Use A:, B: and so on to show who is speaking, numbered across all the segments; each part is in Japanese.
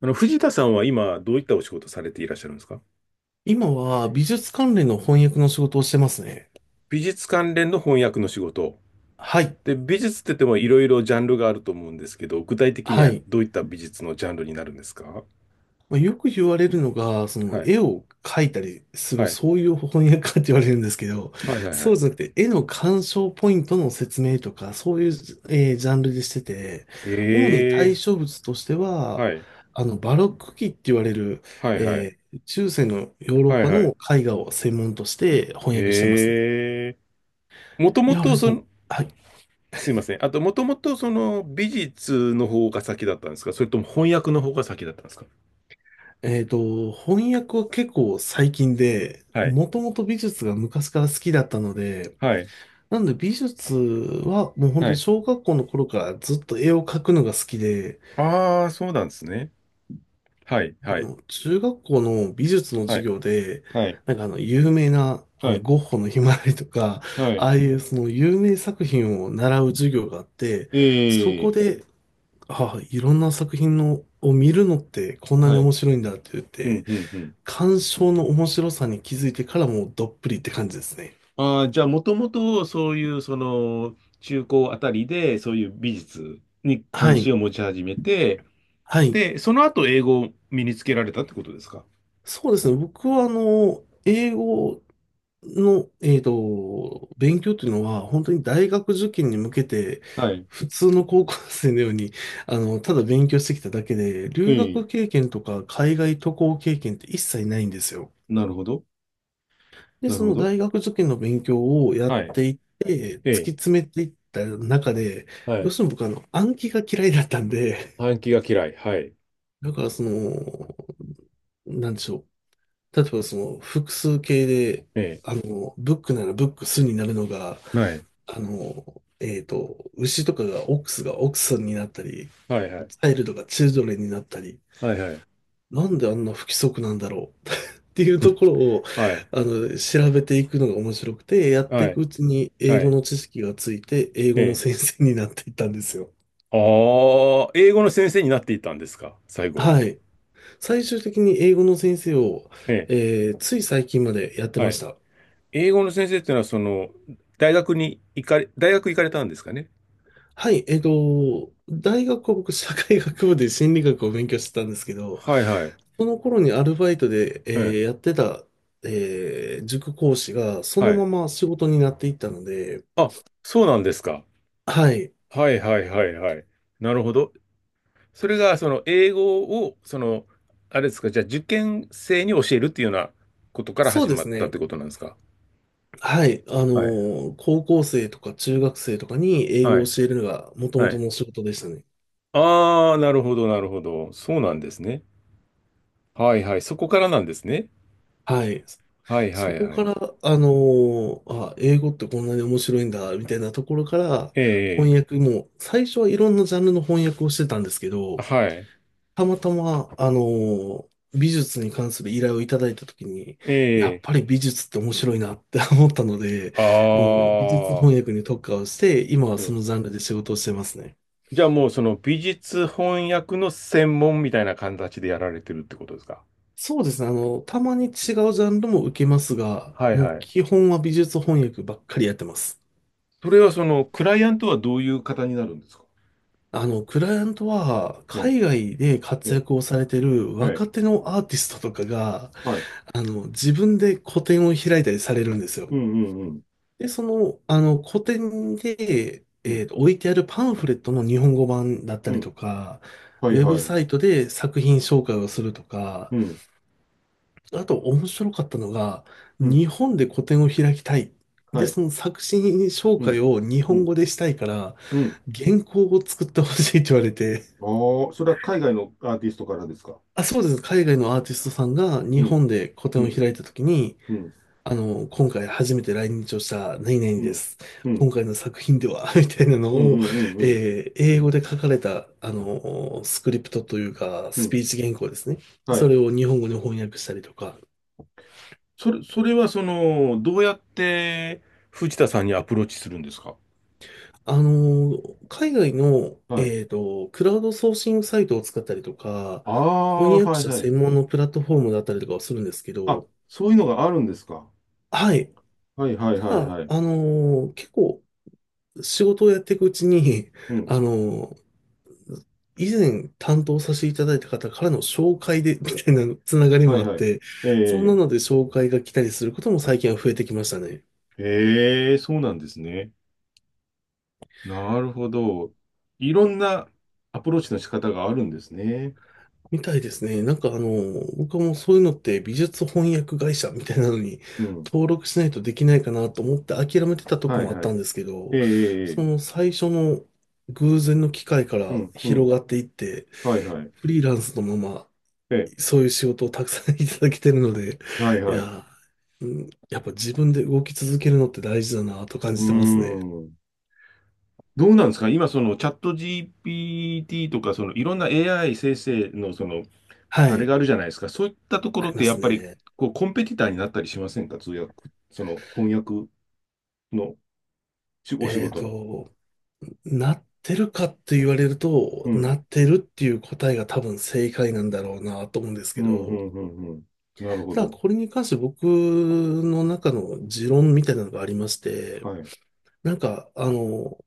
A: 藤田さんは今、どういったお仕事されていらっしゃるんですか？
B: 今は美術関連の翻訳の仕事をしてますね。
A: 美術関連の翻訳の仕事。
B: はい。
A: で、美術って言ってもいろいろジャンルがあると思うんですけど、具体的に
B: は
A: は
B: い。
A: どういった美術のジャンルになるんですか？
B: まあ、よく言われるのが、その
A: はい。
B: 絵を描いたりする、
A: はい。
B: そういう翻訳家って言われるんですけど、
A: はいはいは
B: そう
A: い。
B: じゃなくて、絵の鑑賞ポイントの説明とか、そういう、ジャンルでしてて、主に対
A: ええ。
B: 象物として
A: は
B: は、
A: い。
B: バロック期って言われる、
A: はいはい。
B: 中世のヨーロッ
A: はい
B: パ
A: はい。
B: の絵画を専門として翻訳してますね。
A: ええ。もと
B: い
A: も
B: や、あれ
A: とそ
B: そ
A: の、
B: う。はい。
A: すいません。あと、もともとその美術の方が先だったんですか、それとも翻訳の方が先だったんですか？
B: 翻訳は結構最近で、
A: はい。
B: もともと美術が昔から好きだったので、
A: はい。
B: なので美術はもう本当
A: は
B: に
A: い。
B: 小学校の頃からずっと絵を描くのが好きで、
A: ああ、そうなんですね。はい。
B: で
A: はい。
B: 中学校の美術の
A: は
B: 授
A: い。
B: 業で、
A: はい
B: 有名な
A: はい。
B: ゴッホのひまわりとか、
A: は
B: あ
A: い。
B: あいうその有名作品を習う授業があって、そこ
A: ええ。
B: で、ああ、いろんな作品のを見るのってこんなに
A: は
B: 面
A: い。
B: 白いんだって言っ
A: う
B: て、
A: ん、うん、うん。
B: 鑑賞の面白さに気づいてからもうどっぷりって感じですね。
A: ああ、じゃあ、もともと、そういう、その、中高あたりで、そういう美術に
B: は
A: 関心
B: い。
A: を持ち始めて、
B: はい。
A: で、その後、英語を身につけられたってことですか？
B: そうですね。僕は英語の、勉強というのは本当に大学受験に向けて
A: はい。
B: 普通の高校生のように、ただ勉強してきただけで、留
A: え
B: 学
A: え。
B: 経験とか海外渡航経験って一切ないんですよ。
A: なるほど。
B: で、
A: なる
B: そ
A: ほ
B: の
A: ど。
B: 大学受験の勉強をやっ
A: は
B: ていって、
A: い。え
B: 突き
A: え。
B: 詰めていった中で、
A: は
B: どう
A: い。
B: しても僕暗記が嫌いだったんで、
A: 暗記が嫌い。はい。
B: だからその、なんでしょう。例えばその複数形で、
A: え
B: ブックならブックスになるのが、
A: え。はい。
B: あの、牛とかがオックスがオックスになったり、
A: はい、は
B: チ
A: い。
B: ャイルドがチルドレンになったり、
A: はい、はい。
B: なんであんな不規則なんだろう っていうところを、
A: はい。
B: 調べていくのが面白くて、やって
A: は
B: いく
A: い。
B: うちに英
A: は
B: 語
A: い。
B: の知識がついて、英語の
A: ええ。
B: 先生になっていったんですよ。
A: ああ、英語の先生になっていたんですか、最後は。
B: はい。最終的に英語の先生を、
A: ええ。
B: つい最近までやって
A: は
B: まし
A: い。
B: た。
A: 英語の先生っていうのは、その、大学に行かれ、大学行かれたんですかね。
B: はい、大学は僕、社会学部で心理学を勉強してたんですけど、
A: はいはい。
B: その頃にアルバイトで、
A: うん。
B: やってた、塾講師が、そ
A: は
B: の
A: い。
B: まま仕事になっていったので、
A: あ、そうなんですか。
B: はい、
A: はいはいはいはい。なるほど。それが、その、英語を、その、あれですか、じゃあ、受験生に教えるっていうようなことから
B: そう
A: 始
B: で
A: ま
B: す
A: ったっ
B: ね。
A: てことなんですか。
B: はい、
A: はい。
B: 高校生とか中学生とかに英
A: は
B: 語を
A: い。
B: 教えるのが元
A: は
B: 々
A: い。
B: の仕事でしたね。
A: ああ、なるほど、なるほど。そうなんですね。はいはい。そこからなんですね。
B: はい。
A: はいは
B: そ
A: い
B: こ
A: はい。
B: から、あのあ、英語ってこんなに面白いんだ、みたいなところから、
A: え
B: 翻訳も、最初はいろんなジャンルの翻訳をしてたんですけ
A: え、
B: ど、
A: はい。
B: たまたま、美術に関する依頼をいただいたときに、
A: え
B: やっ
A: え。
B: ぱり美術って面白いなって思ったので、
A: あ
B: もう美術
A: あ。
B: 翻訳に特化をして、今はそ
A: え
B: の
A: え。
B: ジャンルで仕事をしてますね。
A: じゃあもうその美術翻訳の専門みたいな形でやられてるってことですか？
B: そうですね。たまに違うジャンルも受けますが、
A: はい
B: も
A: は
B: う
A: い。
B: 基本は美術翻訳ばっかりやってます。
A: それはそのクライアントはどういう方になるんですか？
B: クライアントは
A: え
B: 海外で
A: え、
B: 活
A: え
B: 躍をされてる
A: え、はい、
B: 若手のアーティストとかが、
A: はい。
B: 自分で個展を開いたりされるんですよ。
A: うんうんうん。
B: で、その、個展で、
A: うん、
B: 置いてあるパンフレットの日本語版だった
A: う
B: り
A: ん。
B: とか、
A: はい
B: ウェブ
A: はい。
B: サイトで作品紹介をするとか、
A: うん、
B: あと面白かったのが、
A: うん。
B: 日本で個展を開きたい。
A: は
B: で、
A: い。
B: その作品紹
A: う
B: 介
A: ん、
B: を日
A: う
B: 本
A: ん、
B: 語でしたいから、
A: うん。
B: 原稿を作ってほしいって言われて、
A: ああ、それは海外のアーティストからですか？
B: あ、そうです。海外のアーティストさんが
A: う
B: 日
A: ん、
B: 本で個
A: う
B: 展を
A: ん、
B: 開いたときに、
A: うん、
B: 今回初めて来日をした何々
A: う
B: で
A: ん、
B: す。
A: う
B: 今
A: ん、
B: 回の作品では みたいなの
A: うん、う
B: を、
A: ん、うん、うん。
B: 英語で書かれた、スクリプトというか、
A: う
B: ス
A: ん。
B: ピーチ原稿ですね。
A: は
B: そ
A: い。
B: れを日本語に翻訳したりとか、
A: それはその、どうやって藤田さんにアプローチするんですか？
B: あの、海外の、
A: はい。
B: クラウドソーシングサイトを使ったりとか、
A: ああ、
B: 翻訳
A: はい
B: 者
A: はい。
B: 専門のプラットフォームだったりとかをするんですけ
A: あ、
B: ど、
A: そういうのがあるんですか。
B: はい。
A: はいはい
B: た
A: はい
B: だ、
A: はい。
B: 結構仕事をやっていくうちに、
A: うん。
B: あの、以前担当させていただいた方からの紹介で、みたいなつながり
A: は
B: も
A: い
B: あっ
A: はい。
B: て、
A: え
B: そんな
A: え、
B: ので紹介が来たりすることも最近は増えてきましたね。
A: ええ、そうなんですね。なるほど。いろんなアプローチの仕方があるんですね。
B: みたいですね。僕はもうそういうのって美術翻訳会社みたいなのに
A: うん。
B: 登録しないとできないかなと思って諦めてたとこ
A: はい
B: もあっ
A: は
B: たん
A: い。
B: ですけ
A: え
B: ど、
A: え、え
B: その
A: え。
B: 最初の偶然の機会か
A: う
B: ら
A: ん、うん。
B: 広がっていって、
A: はいはい。
B: フリーランスのまま
A: ええ、
B: そういう仕事をたくさん いただけてるので、
A: はい
B: い
A: はい。う
B: やー、うん、やっぱ自分で動き続けるのって大事だなと感
A: ー
B: じてますね。
A: ん。どうなんですか今、そのチャット GPT とか、そのいろんな AI 生成のその
B: は
A: あれ
B: い、
A: があるじゃないですか。そういったとこ
B: あ
A: ろ
B: り
A: っ
B: ま
A: てや
B: す
A: っぱり
B: ね。
A: こうコンペティターになったりしませんか？通訳、その翻訳のしお仕
B: えっ
A: 事の。
B: と、なってるかって言われる
A: う
B: と、
A: ん。
B: なってるっていう答えが多分正解なんだろうなと思うんです
A: う
B: け
A: ん、う
B: ど、
A: ん、うん、うん。なるほ
B: ただ
A: ど。
B: これに関して僕の中の持論みたいなのがありまして、
A: はい。
B: なんか、あの、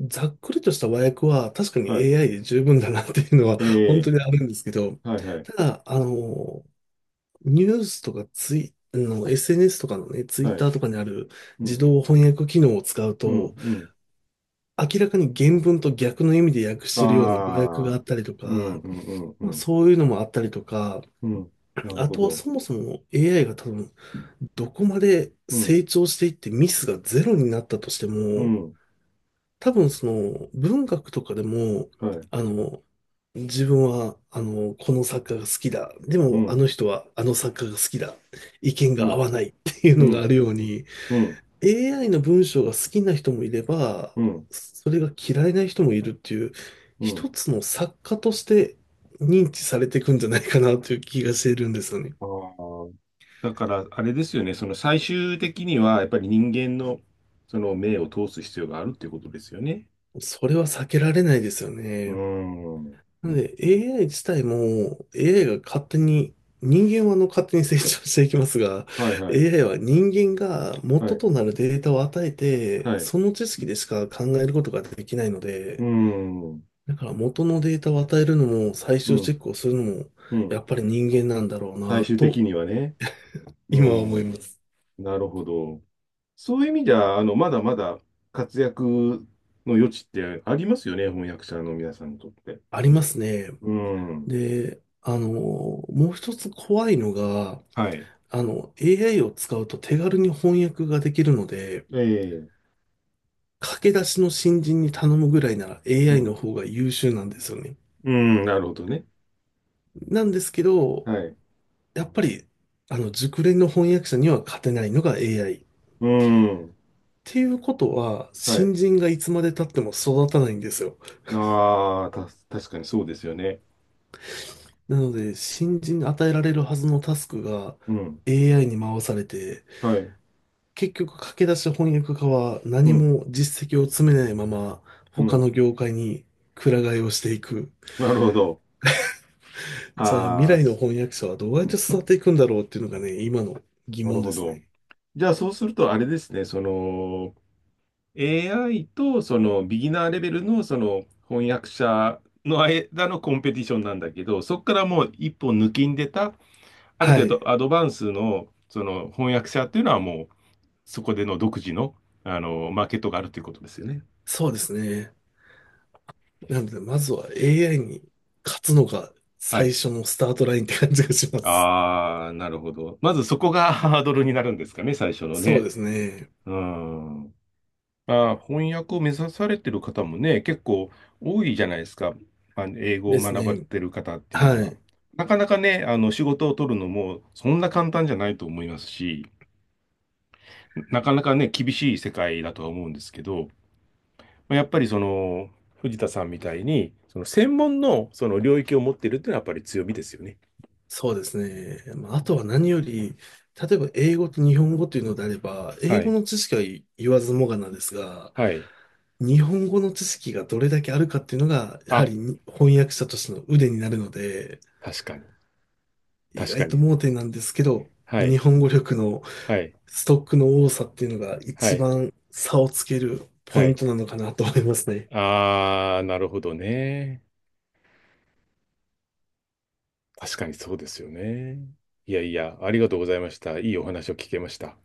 B: ざっくりとした和訳は確かに
A: はい。
B: AI で十分だなっていうのは
A: え
B: 本当
A: え。
B: にあるんですけど、
A: はい、はい。
B: ただ、ニュースとかツイ、あの、SNS とかのね、ツイッ
A: はい。
B: ターとかにある
A: う
B: 自
A: ん、
B: 動翻訳機能を使う
A: うん、
B: と、
A: うん。
B: 明らかに原文と逆の意味で訳してるような語訳が
A: あ
B: あ
A: あ。
B: ったりと
A: うん、
B: か、
A: うん、うん、
B: まあ、
A: うん。
B: そういうのもあったりとか、
A: うん。なる
B: あ
A: ほ
B: とは
A: ど。
B: そもそも AI が多分どこまで
A: うん、
B: 成長していってミスがゼロになったとして
A: う
B: も、
A: ん。
B: 多分その文学とかでも、
A: はい。
B: あの、自分は、この作家が好きだ。で
A: う
B: も、あ
A: ん、
B: の人はあの作家が好きだ。意見
A: う
B: が合
A: ん、
B: わないっていう
A: う
B: のがあ
A: ん、
B: るよう
A: うん、
B: に、
A: うん、
B: AI の文章が好きな人もいれば、
A: うん。
B: それが嫌いな人もいるっていう、
A: う
B: 一
A: ん。
B: つの作家として認知されていくんじゃないかなという気がしているんですよね。
A: ああ。だから、あれですよね、その最終的には、やっぱり人間の、その目を通す必要があるっていうことですよね。
B: それは避けられないですよ
A: うー
B: ね。
A: ん。
B: なので AI 自体も AI が勝手に、人間は勝手に成長していきますが、
A: はいはい。
B: AI は人間が
A: は
B: 元
A: い。
B: となるデータを与えて、
A: はい。う
B: その知識でしか考えることができないの
A: ー
B: で、
A: ん。
B: だから元のデータを与えるのも最
A: う
B: 終チ
A: ん。
B: ェックをするのも、
A: う
B: や
A: ん。
B: っぱり人間なんだろう
A: 最
B: な
A: 終
B: と、
A: 的にはね。う
B: 今は思い
A: ん。
B: ます。
A: なるほど。そういう意味では、まだまだ活躍の余地ってありますよね、翻訳者の皆さんにとって。
B: ありますね。
A: うん。
B: で、もう一つ怖いのが、
A: はい。
B: AI を使うと手軽に翻訳ができるので、
A: ええ。
B: 駆け出しの新人に頼むぐらいなら
A: う
B: AI
A: ん。
B: の方が優秀なんですよね。
A: うん、なるほどね。
B: なんですけど、
A: はい。
B: やっぱり、熟練の翻訳者には勝てないのが AI。っ
A: うん。
B: ていうことは、
A: はい。
B: 新人がいつまで経っても育たないんですよ。
A: ああ、確かにそうですよね。
B: なので、新人に与えられるはずのタスクが
A: うん。
B: AI に回されて、
A: はい。
B: 結局駆け出し翻訳家は
A: う
B: 何
A: ん。
B: も実績を積めないまま、
A: う
B: 他
A: ん。
B: の業界にくら替えをしていく。
A: なるほど。
B: じゃあ、未
A: ああ、
B: 来の翻訳者はど
A: う
B: うやって
A: ん。
B: 育っていくんだろうっていうのがね、今の疑
A: なる
B: 問で
A: ほ
B: す
A: ど。
B: ね。
A: じゃあ、そうすると、あれですね、その、AI と、その、ビギナーレベルの、その、翻訳者の間のコンペティションなんだけど、そこからもう一歩抜きんでた、ある
B: は
A: 程
B: い。
A: 度アドバンスの、その、翻訳者っていうのはもう、そこでの独自の、マーケットがあるということですよね。
B: そうですね。なので、まずは AI に勝つのが
A: は
B: 最
A: い。
B: 初のスタートラインって感じがします。
A: ああ、なるほど。まずそこが ハードルになるんですかね、最初の
B: そう
A: ね。
B: ですね。
A: うん。翻訳を目指されてる方もね、結構多いじゃないですか。英語
B: で
A: を
B: す
A: 学ばれ
B: ね。
A: てる方っていうの
B: は
A: は。
B: い。
A: なかなかね、仕事を取るのもそんな簡単じゃないと思いますし、なかなかね、厳しい世界だとは思うんですけど、まあやっぱりその、藤田さんみたいに、その専門のその領域を持っているっていうのはやっぱり強みですよね。
B: そうですね。まあ、あとは何より、例えば英語と日本語というのであれば、英
A: は
B: 語
A: い。
B: の知識は言わずもがなですが、
A: はい。
B: 日本語の知識がどれだけあるかっていうのが、やは
A: あ、
B: りに翻訳者としての腕になるので、
A: 確かに。
B: 意
A: 確か
B: 外と
A: に。
B: 盲点なんですけど、
A: は
B: 日
A: い。
B: 本語力の
A: はい、
B: ストックの多さっていうのが
A: は
B: 一
A: い、
B: 番差をつける
A: は
B: ポイン
A: い。
B: トなのかなと思いますね。
A: あー、なるほどね。確かにそうですよね。いやいや、ありがとうございました。いいお話を聞けました。